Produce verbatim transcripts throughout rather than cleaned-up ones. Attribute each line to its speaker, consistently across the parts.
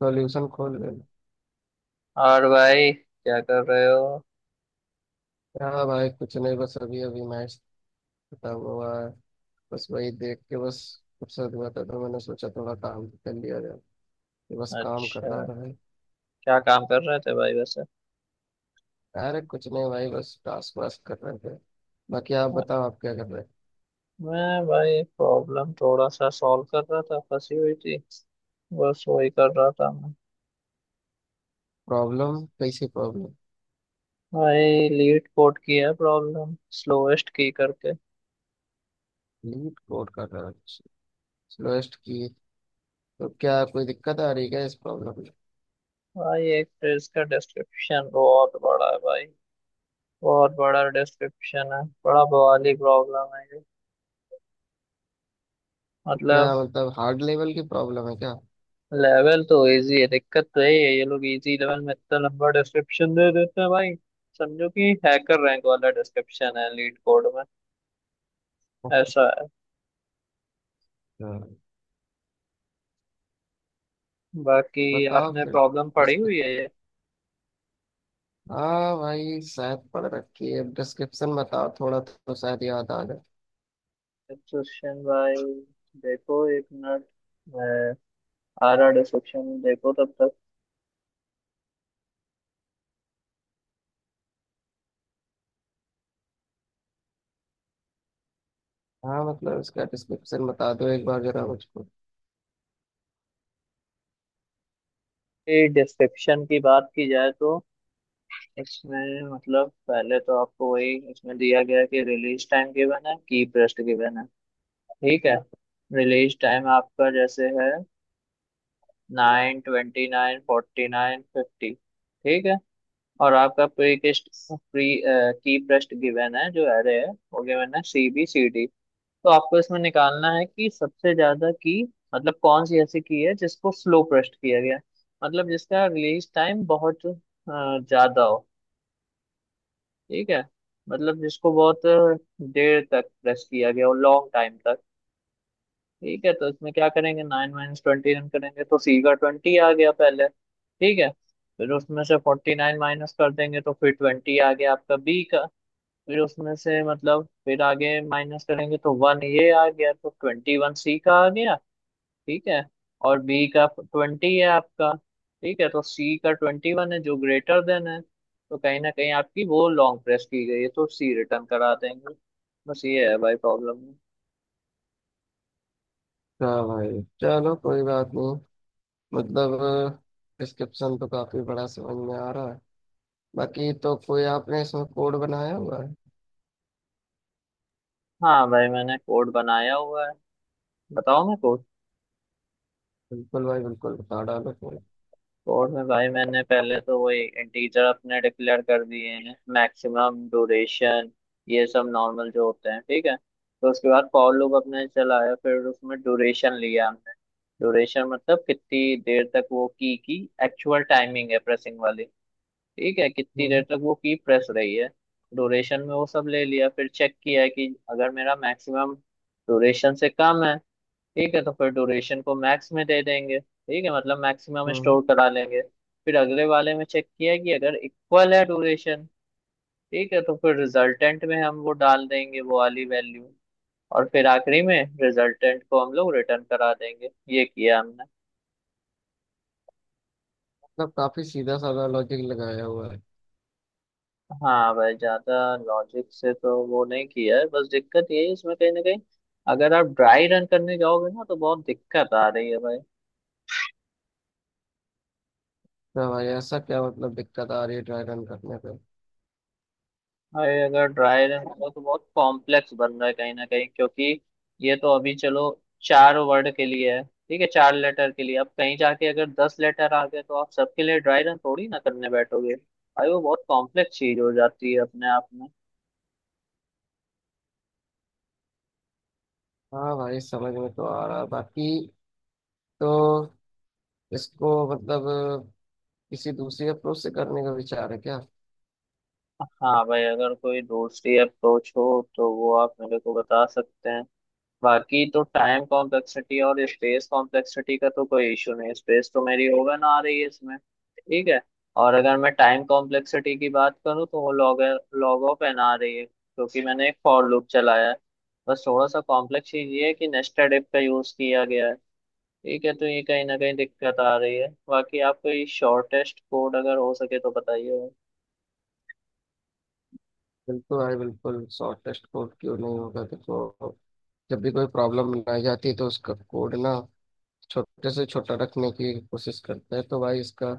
Speaker 1: Solution खोल लेना।
Speaker 2: और भाई क्या कर रहे हो।
Speaker 1: हाँ भाई, कुछ नहीं, बस अभी अभी मैच खत्म हुआ है। बस वही देख के, बस फुर्सत हुआ था तो मैंने सोचा थोड़ा काम कर लिया जाए, तो बस काम कर रहा
Speaker 2: अच्छा,
Speaker 1: था भाई।
Speaker 2: क्या काम कर रहे थे भाई वैसे।
Speaker 1: अरे कुछ नहीं भाई, बस टास्क वास्क कर रहे थे। बाकी आप बताओ, आप क्या कर रहे हैं।
Speaker 2: मैं भाई प्रॉब्लम थोड़ा सा सॉल्व कर रहा था, फंसी हुई थी। बस वही कर रहा था मैं।
Speaker 1: प्रॉब्लम कैसी प्रॉब्लम।
Speaker 2: भाई लीड कोड की है प्रॉब्लम, स्लोएस्ट की करके।
Speaker 1: लीड कोड कर रहा है, स्लोएस्ट की। तो क्या कोई दिक्कत आ रही है क्या इस प्रॉब्लम में।
Speaker 2: भाई एक तो इसका डिस्क्रिप्शन बहुत बड़ा है भाई, बहुत बड़ा डिस्क्रिप्शन है, बड़ा बवाली प्रॉब्लम है ये।
Speaker 1: क्या
Speaker 2: मतलब
Speaker 1: मतलब, हार्ड लेवल की प्रॉब्लम है क्या।
Speaker 2: लेवल तो इजी है, दिक्कत तो यही है, ये लोग इजी लेवल में इतना लंबा डिस्क्रिप्शन दे देते हैं भाई। समझो कि हैकर रैंक वाला डिस्क्रिप्शन है लीड कोड में, ऐसा है।
Speaker 1: अच्छा,
Speaker 2: बाकी
Speaker 1: बताओ
Speaker 2: आपने
Speaker 1: फिर।
Speaker 2: प्रॉब्लम पढ़ी हुई है ये?
Speaker 1: हाँ भाई शायद पढ़ रखी है, डिस्क्रिप्शन बताओ थोड़ा तो शायद याद आ जाए।
Speaker 2: डिस्क्रिप्शन भाई, देखो एक मिनट, मैं आ रहा, डिस्क्रिप्शन देखो तब तक।
Speaker 1: हाँ मतलब इसका डिस्क्रिप्शन बता दो एक बार जरा मुझको।
Speaker 2: ये डिस्क्रिप्शन की बात की जाए तो इसमें मतलब पहले तो आपको वही इसमें दिया गया है कि रिलीज टाइम गिवन है, की प्रेस्ट गिवन है, ठीक है। रिलीज टाइम आपका जैसे है nine twenty, nine forty, nine fifty, ठीक है। और आपका प्रीकेस्ट, प्री की ब्रेस्ट गिवन है जो एरे है, वो गिवन है सी बी सी डी। तो आपको इसमें निकालना है कि सबसे ज्यादा की, मतलब कौन सी ऐसी की है जिसको स्लो प्रेस्ट किया गया है। मतलब जिसका रिलीज टाइम बहुत अ, ज्यादा हो, ठीक है। मतलब जिसको बहुत अ, देर तक प्रेस किया गया हो, लॉन्ग टाइम तक, ठीक है। तो इसमें क्या करेंगे, नाइन माइनस ट्वेंटी रन करेंगे तो सी का ट्वेंटी आ गया पहले, ठीक है। फिर उसमें से फोर्टी नाइन माइनस कर देंगे तो फिर ट्वेंटी आ गया आपका बी का। फिर उसमें से मतलब फिर आगे माइनस करेंगे तो वन ये आ गया, तो ट्वेंटी वन सी का आ गया, ठीक है। और बी का ट्वेंटी है आपका, ठीक है। तो सी का ट्वेंटी वन है जो ग्रेटर देन है, तो कहीं ना कहीं आपकी वो लॉन्ग प्रेस की गई है, तो सी रिटर्न करा देंगे। बस ये है भाई प्रॉब्लम।
Speaker 1: हाँ भाई चलो कोई बात नहीं। मतलब, डिस्क्रिप्शन तो काफी बड़ा समझ में आ रहा है। बाकी तो कोई आपने इसमें कोड बनाया हुआ है।
Speaker 2: हाँ भाई, मैंने कोड बनाया हुआ है। बताओ मैं कोर्स
Speaker 1: बिल्कुल भाई बिल्कुल, बता डालो कोड।
Speaker 2: कोर्स में भाई, मैंने पहले तो वही इंटीजर अपने डिक्लेयर कर दिए हैं, मैक्सिमम ड्यूरेशन, ये सब नॉर्मल जो होते हैं, ठीक है। तो उसके बाद फॉर लूप अपने चलाया, फिर उसमें ड्यूरेशन लिया हमने। ड्यूरेशन मतलब कितनी देर तक वो की की एक्चुअल टाइमिंग है, प्रेसिंग वाली, ठीक है, कितनी देर
Speaker 1: हम्म।
Speaker 2: तक वो की प्रेस रही है। ड्यूरेशन में वो सब ले लिया, फिर चेक किया कि अगर मेरा मैक्सिमम ड्यूरेशन से कम है, ठीक है, तो फिर ड्यूरेशन को मैक्स में दे देंगे, ठीक है, मतलब मैक्सिमम
Speaker 1: हम्म।
Speaker 2: स्टोर करा लेंगे। फिर अगले वाले में चेक किया कि अगर इक्वल है ड्यूरेशन, ठीक है, तो फिर रिजल्टेंट में हम वो डाल देंगे, वो वाली वैल्यू। और फिर आखिरी में रिजल्टेंट को हम लोग रिटर्न करा देंगे, ये किया हमने।
Speaker 1: मतलब काफी सीधा साधा लॉजिक लगाया हुआ है।
Speaker 2: हाँ भाई, ज्यादा लॉजिक से तो वो नहीं किया है, बस दिक्कत ये है इसमें कहीं ना कहीं, अगर आप ड्राई रन करने जाओगे ना तो बहुत दिक्कत आ रही है भाई।
Speaker 1: हाँ भाई, ऐसा क्या मतलब दिक्कत आ रही है ड्राई रन करने पे।
Speaker 2: भाई अगर ड्राई रन करो तो बहुत कॉम्प्लेक्स बन रहा है कहीं ना कहीं, क्योंकि ये तो अभी चलो चार वर्ड के लिए है, ठीक है, चार लेटर के लिए। अब कहीं जाके अगर दस लेटर आ गए तो आप सबके लिए ड्राई रन थोड़ी ना करने बैठोगे भाई, वो बहुत कॉम्प्लेक्स चीज हो जाती है अपने आप में।
Speaker 1: हाँ भाई समझ में तो आ रहा है। बाकी तो इसको मतलब किसी दूसरी अप्रोच से करने का विचार है क्या।
Speaker 2: हाँ भाई, अगर कोई दूसरी अप्रोच हो तो वो आप मेरे को बता सकते हैं। बाकी तो टाइम कॉम्प्लेक्सिटी और स्पेस कॉम्प्लेक्सिटी का तो कोई इशू नहीं, स्पेस तो मेरी ओवन आ रही है इसमें, ठीक है। और अगर मैं टाइम कॉम्प्लेक्सिटी की बात करूँ तो वो लॉग लॉग ऑफ एन आ रही है, क्योंकि मैंने एक फॉर लूप चलाया है। बस थोड़ा सा कॉम्प्लेक्स चीज ये है कि नेस्टेड इफ का यूज किया गया है, ठीक है, तो ये कहीं ना कहीं दिक्कत आ रही है। बाकी आप कोई शॉर्टेस्ट कोड अगर हो सके तो बताइए।
Speaker 1: बिल्कुल भाई बिल्कुल, शॉर्टेस्ट कोड क्यों नहीं होगा। देखो, जब भी कोई प्रॉब्लम बनाई जाती है तो उसका कोड ना छोटे से छोटा रखने की कोशिश करते हैं, तो भाई इसका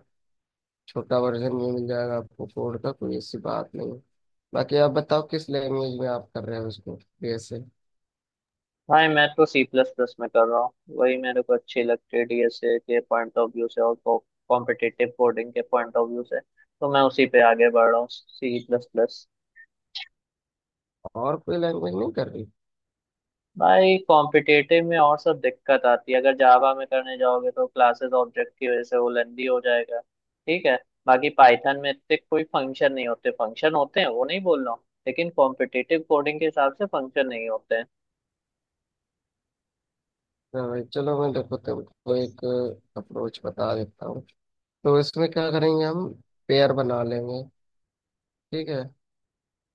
Speaker 1: छोटा वर्जन ये मिल जाएगा आपको कोड का, कोई ऐसी बात नहीं है। बाकी आप बताओ किस लैंग्वेज में आप कर रहे हो उसको, बीएसए।
Speaker 2: भाई मैं तो सी प्लस प्लस में कर रहा हूँ, वही मेरे को अच्छी लगती है डीएसए के पॉइंट ऑफ व्यू से, और कॉम्पिटिटिव कोडिंग के पॉइंट ऑफ व्यू से, तो मैं उसी पे आगे बढ़ रहा हूँ सी प्लस प्लस।
Speaker 1: और कोई लैंग्वेज नहीं कर रही।
Speaker 2: भाई कॉम्पिटिटिव में और सब दिक्कत आती है, अगर जावा में करने जाओगे तो क्लासेस ऑब्जेक्ट की वजह से वो लेंदी हो जाएगा, ठीक है। बाकी पाइथन में इतने कोई फंक्शन नहीं होते, फंक्शन होते हैं, वो नहीं बोल रहा हूँ, लेकिन कॉम्पिटिटिव कोडिंग के हिसाब से फंक्शन नहीं होते हैं।
Speaker 1: हाँ भाई चलो, मैं देखो तुमको एक अप्रोच बता देता हूँ। तो इसमें क्या करेंगे हम, पेयर बना लेंगे। ठीक है,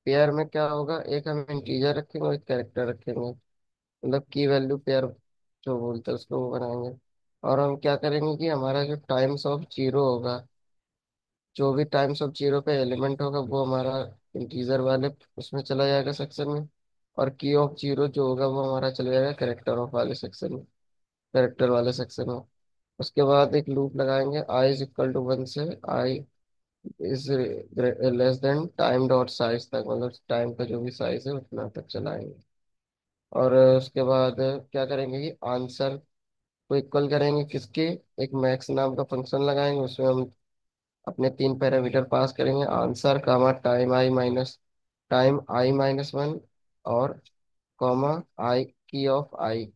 Speaker 1: पेयर में क्या होगा, एक हम इंटीजर रखेंगे और एक कैरेक्टर रखेंगे। मतलब की वैल्यू पेयर जो बोलते हैं उसको, वो बनाएंगे। और हम क्या करेंगे कि हमारा जो टाइम्स ऑफ जीरो होगा, जो भी टाइम्स ऑफ जीरो पे एलिमेंट होगा वो हमारा इंटीजर वाले उसमें चला जाएगा सेक्शन में। और की ऑफ जीरो जो होगा वो हमारा चला जाएगा कैरेक्टर ऑफ वाले सेक्शन में, कैरेक्टर वाले सेक्शन में। उसके बाद एक लूप लगाएंगे, I is equal to one से I is less than time dot size तक, मतलब टाइम का जो भी साइज है उतना तक चलाएंगे। और अ, उसके बाद क्या करेंगे कि आंसर को इक्वल करेंगे किसके, एक मैक्स नाम का फंक्शन लगाएंगे। उसमें हम अपने तीन पैरामीटर पास करेंगे, answer comma time I minus time I minus one, और comma I key of I.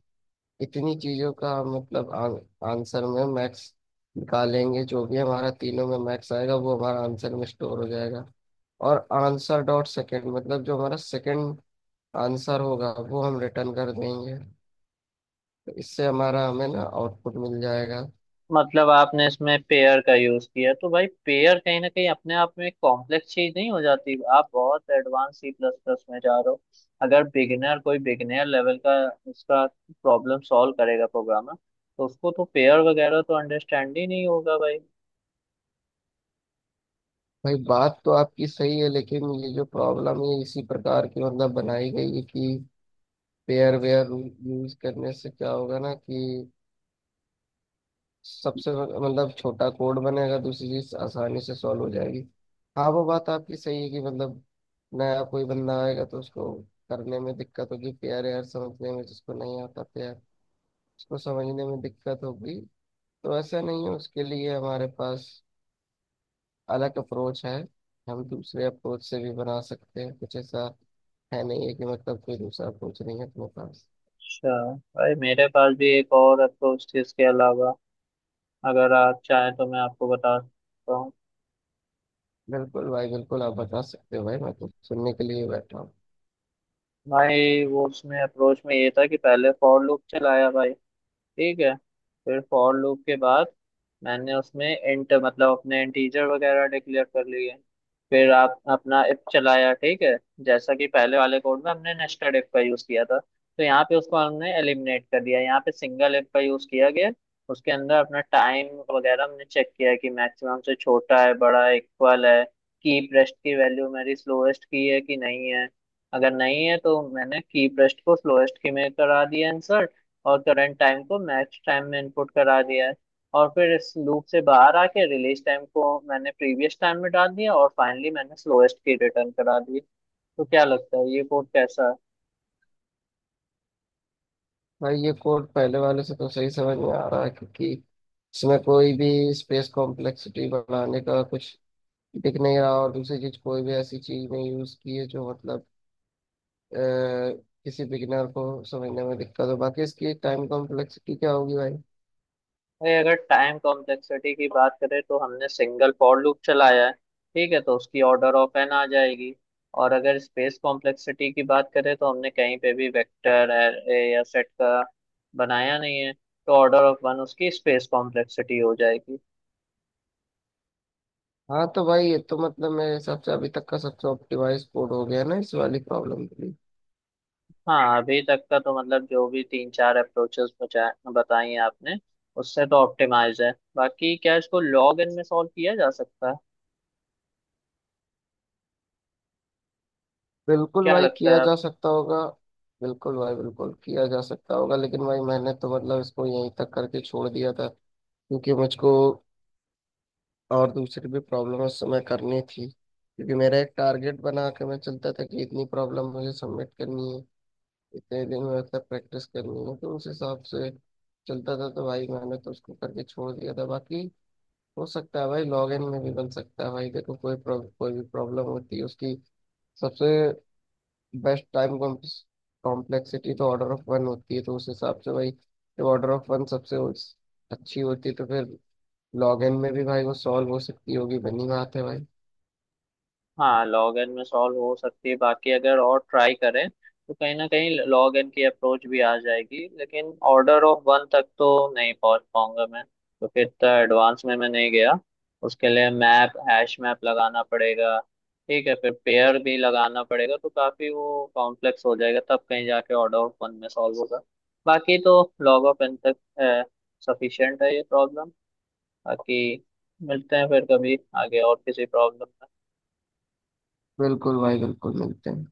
Speaker 1: इतनी चीज़ों का हम मतलब आ, आंसर में मैक्स निकालेंगे, जो भी हमारा तीनों में मैक्स आएगा वो हमारा आंसर में स्टोर हो जाएगा। और आंसर डॉट सेकेंड मतलब जो हमारा सेकेंड आंसर होगा वो हम रिटर्न कर देंगे। इससे हमारा, हमें ना आउटपुट मिल जाएगा।
Speaker 2: मतलब आपने इसमें पेयर का यूज किया, तो भाई पेयर कहीं ना कहीं अपने आप में एक कॉम्प्लेक्स चीज नहीं हो जाती? आप बहुत एडवांस सी प्लस प्लस में जा रहे हो। अगर बिगिनर, कोई बिगिनर लेवल का इसका प्रॉब्लम सॉल्व करेगा प्रोग्रामर, तो उसको तो पेयर वगैरह तो अंडरस्टैंड ही नहीं होगा भाई।
Speaker 1: भाई बात तो आपकी सही है, लेकिन ये जो प्रॉब्लम है इसी प्रकार की मतलब बनाई गई है कि पेयर वेयर यूज करने से क्या होगा ना, कि सबसे मतलब छोटा कोड बनेगा, दूसरी चीज आसानी से सॉल्व हो जाएगी। हाँ वो बात आपकी सही है कि मतलब नया कोई बंदा आएगा तो उसको करने में दिक्कत होगी, पेयर वेयर समझने में, जिसको नहीं आता पेयर उसको समझने में दिक्कत होगी। तो ऐसा नहीं है, उसके लिए हमारे पास अलग अप्रोच है। हम दूसरे अप्रोच से भी बना सकते हैं कुछ ऐसा, है नहीं है कि मतलब कोई दूसरा अप्रोच नहीं है तुम्हारे पास।
Speaker 2: अच्छा, भाई मेरे पास भी एक और अप्रोच थी इसके अलावा, अगर आप चाहें तो मैं आपको बता सकता हूँ।
Speaker 1: बिल्कुल भाई बिल्कुल, आप बता सकते हो भाई, मैं तो सुनने के लिए बैठा हूँ।
Speaker 2: भाई वो उसमें अप्रोच में ये था कि पहले फॉर लूप चलाया भाई, ठीक है। फिर फॉर लूप के बाद मैंने उसमें इंट मतलब अपने इंटीजर वगैरह डिक्लेयर कर लिए। फिर आप अपना इफ चलाया, ठीक है। जैसा कि पहले वाले कोड में हमने नेस्टेड इफ का यूज किया था, तो यहाँ पे उसको हमने एलिमिनेट कर दिया, यहाँ पे सिंगल इफ का यूज किया गया। उसके अंदर अपना टाइम वगैरह हमने चेक किया है कि मैक्सिमम से छोटा है, बड़ा है, इक्वल है, की प्रेस्ट की वैल्यू मेरी स्लोएस्ट की है कि नहीं है। अगर नहीं है तो मैंने की प्रेस्ट को स्लोएस्ट की में करा दिया आंसर, और करंट टाइम को मैच टाइम में इनपुट करा दिया है। और फिर इस लूप से बाहर आके रिलीज टाइम को मैंने प्रीवियस टाइम में डाल दिया, और फाइनली मैंने स्लोएस्ट की रिटर्न करा दी। तो क्या लगता है ये कोड कैसा है?
Speaker 1: भाई ये कोड पहले वाले से तो सही समझ में आ रहा है, क्योंकि इसमें कोई भी स्पेस कॉम्प्लेक्सिटी बढ़ाने का कुछ दिख नहीं रहा। और दूसरी चीज, कोई भी ऐसी चीज नहीं यूज की है जो मतलब अ, किसी बिगिनर को समझने में दिक्कत हो। बाकी इसकी टाइम कॉम्प्लेक्सिटी क्या होगी भाई।
Speaker 2: भाई अगर टाइम कॉम्प्लेक्सिटी की बात करें, तो हमने सिंगल फॉर लूप चलाया है, ठीक है, तो उसकी ऑर्डर ऑफ एन आ जाएगी। और अगर स्पेस कॉम्प्लेक्सिटी की बात करें, तो हमने कहीं पे भी वेक्टर एरे या सेट का बनाया नहीं है, तो ऑर्डर ऑफ वन उसकी स्पेस कॉम्प्लेक्सिटी हो जाएगी।
Speaker 1: हाँ तो भाई ये तो मतलब मेरे हिसाब से अभी तक का सबसे ऑप्टिमाइज कोड हो गया ना इस वाली प्रॉब्लम के लिए।
Speaker 2: हाँ, अभी तक का तो मतलब जो भी तीन चार अप्रोचेस बताई हैं आपने, उससे तो ऑप्टिमाइज है। बाकी क्या इसको लॉग इन में सॉल्व किया जा सकता है?
Speaker 1: बिल्कुल
Speaker 2: क्या
Speaker 1: भाई
Speaker 2: लगता
Speaker 1: किया
Speaker 2: है?
Speaker 1: जा सकता होगा। बिल्कुल भाई बिल्कुल किया जा सकता होगा, लेकिन भाई मैंने तो मतलब इसको यहीं तक करके छोड़ दिया था, क्योंकि मुझको और दूसरी भी प्रॉब्लम उस समय करनी थी। क्योंकि मेरा एक टारगेट बना के मैं चलता था कि इतनी प्रॉब्लम मुझे सबमिट करनी है, इतने दिन में मतलब प्रैक्टिस करनी है। तो उस हिसाब से चलता था, तो भाई मैंने तो उसको करके छोड़ दिया था। बाकी हो सकता है भाई लॉग इन में भी बन सकता है। भाई देखो, कोई प्रॉब- कोई भी प्रॉब्लम होती है उसकी सबसे बेस्ट टाइम कॉम्प्लेक्सिटी तो ऑर्डर ऑफ वन होती है। तो उस हिसाब से भाई, जब ऑर्डर ऑफ वन सबसे वो- अच्छी होती है, तो फिर लॉग इन में भी भाई वो सॉल्व हो सकती होगी, बनी बात है भाई।
Speaker 2: हाँ लॉग एन में सॉल्व हो सकती है, बाकी अगर और ट्राई करें तो कहीं ना कहीं लॉग एन की अप्रोच भी आ जाएगी, लेकिन ऑर्डर ऑफ वन तक तो नहीं पहुंच पाऊंगा मैं, तो फिर इतना एडवांस में मैं नहीं गया। उसके लिए मैप हैश मैप लगाना पड़ेगा, ठीक है, फिर पेयर भी लगाना पड़ेगा, तो काफी वो कॉम्प्लेक्स हो जाएगा, तब कहीं जाके ऑर्डर ऑफ वन में सॉल्व होगा। बाकी तो लॉग ऑफ एन तक सफिशियंट है ये प्रॉब्लम। बाकी मिलते हैं फिर कभी आगे और किसी प्रॉब्लम।
Speaker 1: बिल्कुल भाई बिल्कुल, मिलते हैं।